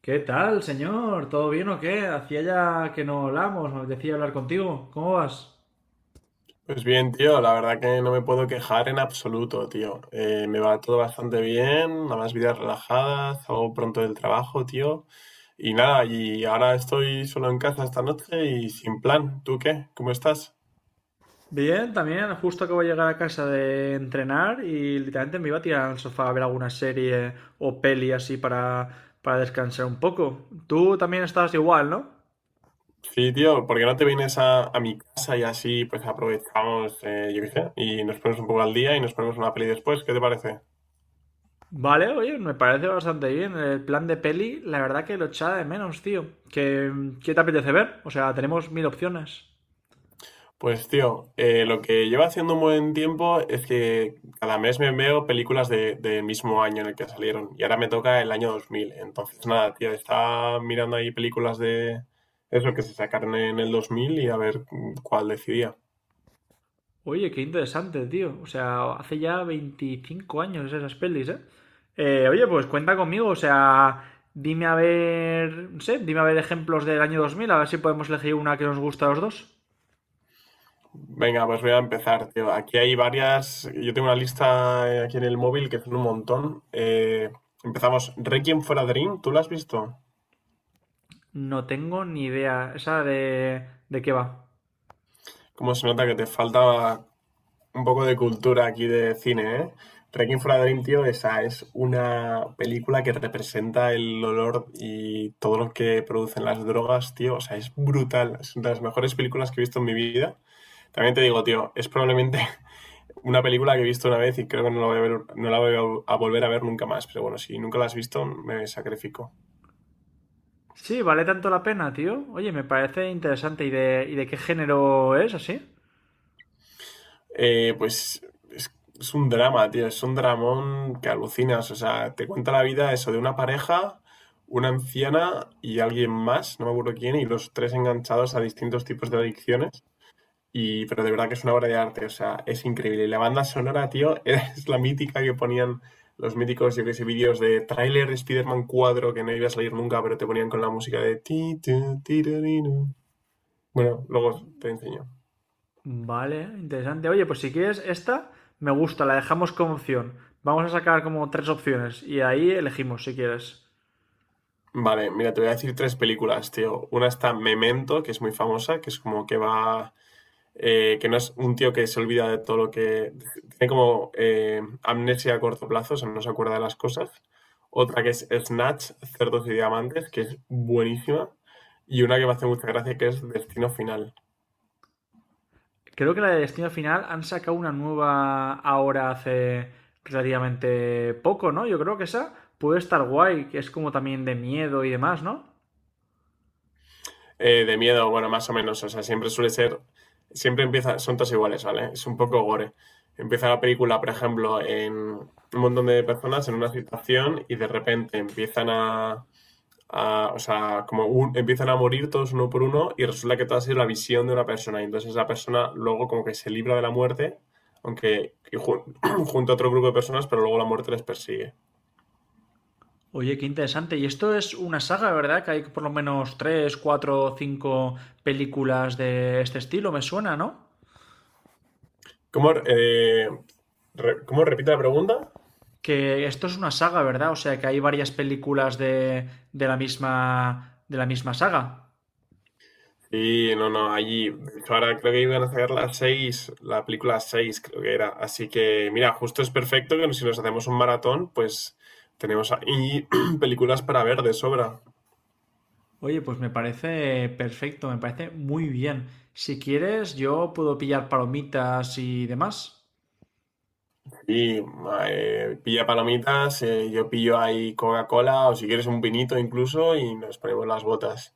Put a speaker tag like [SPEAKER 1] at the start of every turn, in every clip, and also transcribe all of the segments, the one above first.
[SPEAKER 1] ¿Qué tal, señor? ¿Todo bien o qué? Hacía ya que no hablamos, me decía hablar contigo. ¿Cómo vas?
[SPEAKER 2] Pues bien, tío, la verdad que no me puedo quejar en absoluto, tío. Me va todo bastante bien, nada más vidas relajadas, salgo pronto del trabajo, tío. Y nada, y ahora estoy solo en casa esta noche y sin plan. ¿Tú qué? ¿Cómo estás?
[SPEAKER 1] Bien, también. Justo acabo de llegar a casa de entrenar y literalmente me iba a tirar al sofá a ver alguna serie o peli así para descansar un poco. Tú también estás igual, ¿no?
[SPEAKER 2] Sí, tío, ¿por qué no te vienes a mi casa y así pues aprovechamos, yo qué sé, y nos ponemos un poco al día y nos ponemos una peli después? ¿Qué te parece?
[SPEAKER 1] Vale, oye, me parece bastante bien. El plan de peli, la verdad que lo echaba de menos, tío. ¿Qué te apetece ver? O sea, tenemos mil opciones.
[SPEAKER 2] Pues tío, lo que llevo haciendo un buen tiempo es que cada mes me veo películas de, del mismo año en el que salieron y ahora me toca el año 2000. Entonces nada, tío, estaba mirando ahí películas de eso que se sacaron en el 2000 y a ver cuál decidía.
[SPEAKER 1] Oye, qué interesante, tío. O sea, hace ya 25 años esas pelis, ¿eh? Oye, pues cuenta conmigo, o sea, dime a ver, no sé, dime a ver ejemplos del año 2000. A ver si podemos elegir una que nos gusta a los dos.
[SPEAKER 2] Venga, pues voy a empezar, tío. Aquí hay varias, yo tengo una lista aquí en el móvil que son un montón. Empezamos, Requiem for a Dream, ¿tú la has visto?
[SPEAKER 1] No tengo ni idea, esa de qué va.
[SPEAKER 2] Cómo se nota que te falta un poco de cultura aquí de cine, ¿eh? Requiem for a Dream, tío, esa es una película que representa el olor y todo lo que producen las drogas, tío. O sea, es brutal. Es una de las mejores películas que he visto en mi vida. También te digo, tío, es probablemente una película que he visto una vez y creo que no la voy a ver- no la voy a volver a ver nunca más. Pero bueno, si nunca la has visto, me sacrifico.
[SPEAKER 1] Sí, vale tanto la pena, tío. Oye, me parece interesante. ¿Y de qué género es así?
[SPEAKER 2] Eh, pues es, es un drama, tío, es un dramón que alucinas, o sea, te cuenta la vida eso de una pareja, una anciana y alguien más, no me acuerdo quién, y los tres enganchados a distintos tipos de adicciones. Y, pero de verdad que es una obra de arte, o sea, es increíble. Y la banda sonora, tío, es la mítica que ponían los míticos, yo que sé, vídeos de tráiler de Spider-Man 4 que no iba a salir nunca, pero te ponían con la música de ti, tu, ti, ru, ri, ru. Bueno, luego te enseño.
[SPEAKER 1] Vale, interesante. Oye, pues si quieres esta, me gusta, la dejamos como opción. Vamos a sacar como tres opciones y ahí elegimos si quieres.
[SPEAKER 2] Vale, mira, te voy a decir tres películas, tío. Una está Memento, que es muy famosa, que es como que va, que no es un tío que se olvida de todo lo que... Tiene como amnesia a corto plazo, o sea, no se acuerda de las cosas. Otra que es Snatch, Cerdos y Diamantes, que es buenísima. Y una que me hace mucha gracia, que es Destino Final.
[SPEAKER 1] Creo que la de Destino Final han sacado una nueva ahora hace relativamente poco, ¿no? Yo creo que esa puede estar guay, que es como también de miedo y demás, ¿no?
[SPEAKER 2] De miedo, bueno, más o menos. O sea, siempre suele ser. Siempre empieza. Son todos iguales, ¿vale? Es un poco gore. Empieza la película, por ejemplo, en un montón de personas en una situación y de repente empiezan a. a- o sea, como un- empiezan a morir todos uno por uno y resulta que todo ha sido la visión de una persona. Y entonces la persona luego como que se libra de la muerte, aunque y jun- junto a otro grupo de personas, pero luego la muerte les persigue.
[SPEAKER 1] Oye, qué interesante. Y esto es una saga, ¿verdad? Que hay por lo menos tres, cuatro, cinco películas de este estilo, me suena, ¿no?
[SPEAKER 2] ¿Cómo, eh, ¿Cómo repite la pregunta?
[SPEAKER 1] Que esto es una saga, ¿verdad? O sea, que hay varias películas de la misma saga.
[SPEAKER 2] Sí, no, no, allí, de hecho, ahora creo que iban a sacar las seis, la película 6 creo que era, así que mira, justo es perfecto que si nos hacemos un maratón, pues tenemos ahí películas para ver de sobra.
[SPEAKER 1] Oye, pues me parece perfecto, me parece muy bien. Si quieres, yo puedo pillar palomitas y demás.
[SPEAKER 2] Y Pilla palomitas, yo pillo ahí Coca-Cola o si quieres un vinito incluso y nos ponemos las botas.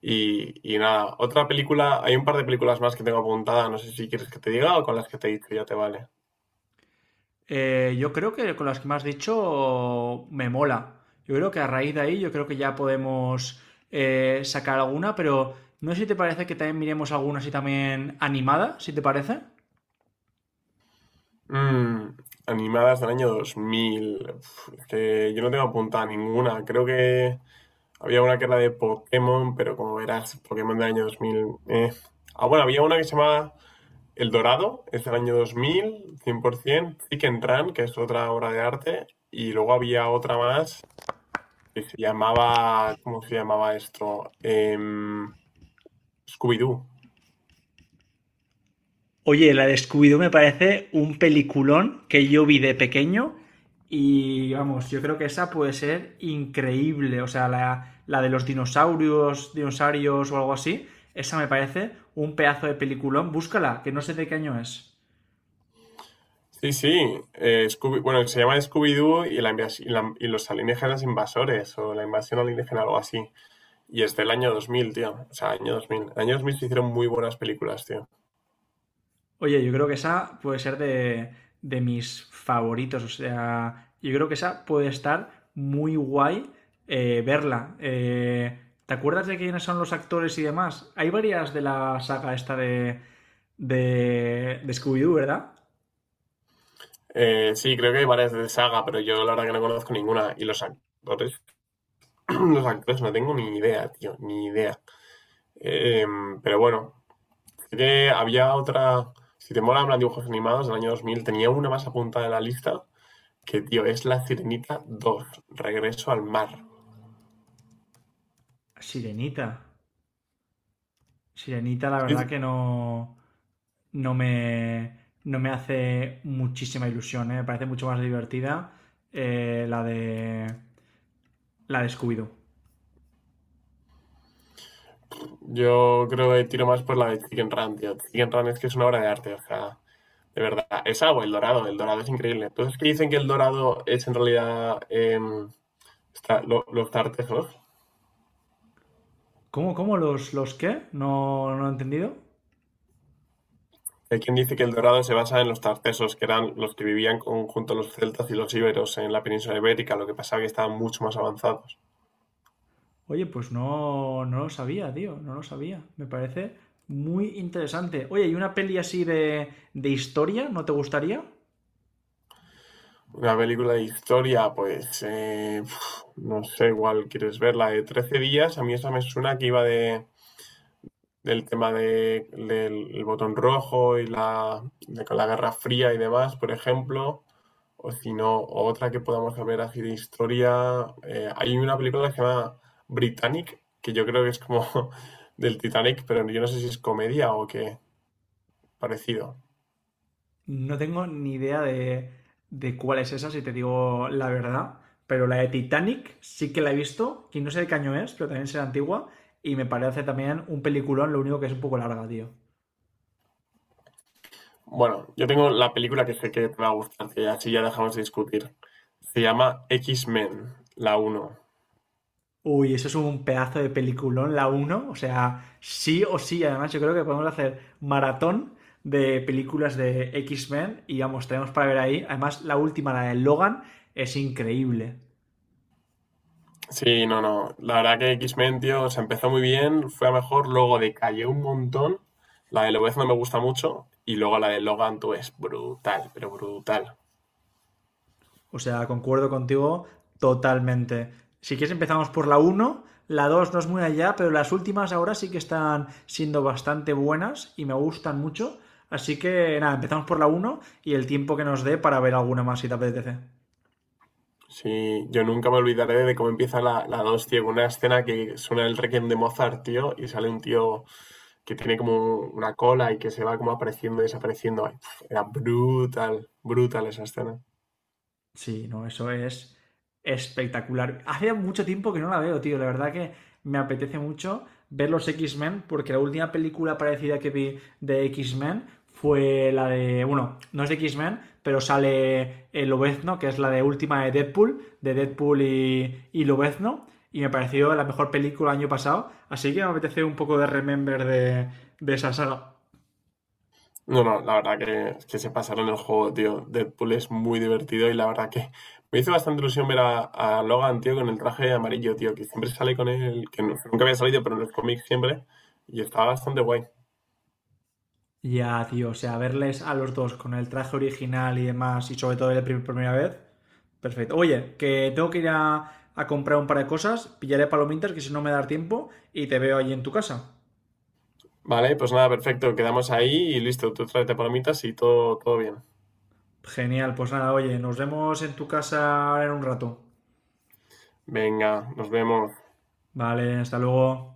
[SPEAKER 2] Y nada, otra película, hay un par de películas más que tengo apuntada, no sé si quieres que te diga o con las que te he dicho ya te vale.
[SPEAKER 1] Yo creo que con las que me has dicho me mola. Yo creo que a raíz de ahí, yo creo que ya podemos sacar alguna, pero no sé si te parece que también miremos alguna así también animada, si te parece.
[SPEAKER 2] Mm, Animadas del año 2000. Uf, es que yo no tengo apuntada ninguna. Creo que había una que era de Pokémon, pero como verás, Pokémon del año 2000. Ah, bueno, había una que se llamaba El Dorado, es del año 2000, 100%. Chicken Run, que es otra obra de arte. Y luego había otra más que se llamaba. ¿Cómo se llamaba esto? Scooby-Doo.
[SPEAKER 1] Oye, la de Scooby-Doo me parece un peliculón que yo vi de pequeño y vamos, yo creo que esa puede ser increíble. O sea, la de los dinosaurios, dinosaurios o algo así, esa me parece un pedazo de peliculón. Búscala, que no sé de qué año es.
[SPEAKER 2] Sí, sí. Bueno, se llama Scooby-Doo y y los alienígenas invasores o la invasión alienígena, algo así. Y es del año 2000 tío. O sea, año dos mil. Año 2000 se hicieron muy buenas películas, tío.
[SPEAKER 1] Oye, yo creo que esa puede ser de mis favoritos. O sea, yo creo que esa puede estar muy guay verla. ¿Te acuerdas de quiénes son los actores y demás? Hay varias de la saga esta de Scooby-Doo, ¿verdad?
[SPEAKER 2] Sí, creo que hay varias de saga, pero yo la verdad que no conozco ninguna. Y los actores, los actores no tengo ni idea, tío, ni idea. Eh, pero bueno, sí que había otra. Si te molan los dibujos animados del año 2000 tenía una más apuntada en la lista que, tío, es La Sirenita dos Regreso al Mar.
[SPEAKER 1] Sirenita. Sirenita, la
[SPEAKER 2] Sí,
[SPEAKER 1] verdad
[SPEAKER 2] sí.
[SPEAKER 1] que no, no, no me hace muchísima ilusión. ¿Eh? Me parece mucho más divertida eh, la de, la de Scooby-Doo.
[SPEAKER 2] Yo creo que tiro más por la de Chicken Run, tío. Chicken Run es que es una obra de arte, o sea, de verdad. Es agua, el dorado es increíble. Entonces, ¿qué dicen que el dorado es en realidad los tartesos?
[SPEAKER 1] ¿Cómo? ¿Los qué? No, no he entendido.
[SPEAKER 2] Hay quien dice que el dorado se basa en los tartesos, que eran los que junto a los celtas y los íberos en la península ibérica, lo que pasaba que estaban mucho más avanzados.
[SPEAKER 1] Oye, pues no, no lo sabía, tío, no lo sabía. Me parece muy interesante. Oye, ¿y una peli así de historia no te gustaría?
[SPEAKER 2] Una película de historia, pues, no sé, igual quieres verla de 13 días, a mí esa me suena que iba de del tema de, del el botón rojo y la, de la Guerra Fría y demás, por ejemplo, o si no, otra que podamos ver así de historia. Hay una película que se llama Britannic, que yo creo que es como del Titanic, pero yo no sé si es comedia o qué parecido.
[SPEAKER 1] No tengo ni idea de cuál es esa, si te digo la verdad. Pero la de Titanic sí que la he visto, y no sé de qué año es, pero también será antigua. Y me parece también un peliculón, lo único que es un poco larga, tío.
[SPEAKER 2] Bueno, yo tengo la película que sé que te va a gustar, que así ya dejamos de discutir. Se llama X-Men, la uno.
[SPEAKER 1] Uy, eso es un pedazo de peliculón, la uno, o sea, sí o sí. Además, yo creo que podemos hacer maratón de películas de X-Men y vamos, tenemos para ver ahí. Además, la última, la de Logan, es increíble.
[SPEAKER 2] Sí, no, no. La verdad que X-Men, tío, o empezó muy bien, fue a mejor, luego decayó un montón. La de Lobez no me gusta mucho y luego la de Logan, tú, es brutal, pero brutal.
[SPEAKER 1] O sea, concuerdo contigo totalmente. Si quieres, empezamos por la uno. La 2 no es muy allá, pero las últimas ahora sí que están siendo bastante buenas y me gustan mucho. Así que nada, empezamos por la uno y el tiempo que nos dé para ver alguna más si te apetece.
[SPEAKER 2] Sí, yo nunca me olvidaré de cómo empieza la 2 tío, con una escena que suena el Requiem de Mozart, tío, y sale un tío que tiene como una cola y que se va como apareciendo y desapareciendo. Era brutal, brutal esa escena.
[SPEAKER 1] Sí, no, eso es espectacular. Hace mucho tiempo que no la veo, tío. La verdad que me apetece mucho ver los X-Men, porque la última película parecida que vi de X-Men fue la de. Bueno, no es de X-Men, pero sale el Lobezno, que es la de última de Deadpool, y Lobezno. Y me pareció la mejor película el año pasado. Así que me apetece un poco de remember de esa saga.
[SPEAKER 2] No, no, la verdad que se pasaron el juego, tío. Deadpool es muy divertido y la verdad que me hizo bastante ilusión ver a Logan, tío, con el traje amarillo, tío, que siempre sale con él, nunca había salido, pero en los cómics siempre, y estaba bastante guay.
[SPEAKER 1] Ya, tío, o sea, verles a los dos con el traje original y demás, y sobre todo la primera vez, perfecto. Oye, que tengo que ir a comprar un par de cosas, pillaré palomitas, que si no me da tiempo, y te veo allí en tu casa.
[SPEAKER 2] Vale, pues nada, perfecto, quedamos ahí y listo, tú tráete palomitas y todo, todo bien.
[SPEAKER 1] Genial, pues nada, oye, nos vemos en tu casa ahora en un rato.
[SPEAKER 2] Venga, nos vemos.
[SPEAKER 1] Vale, hasta luego.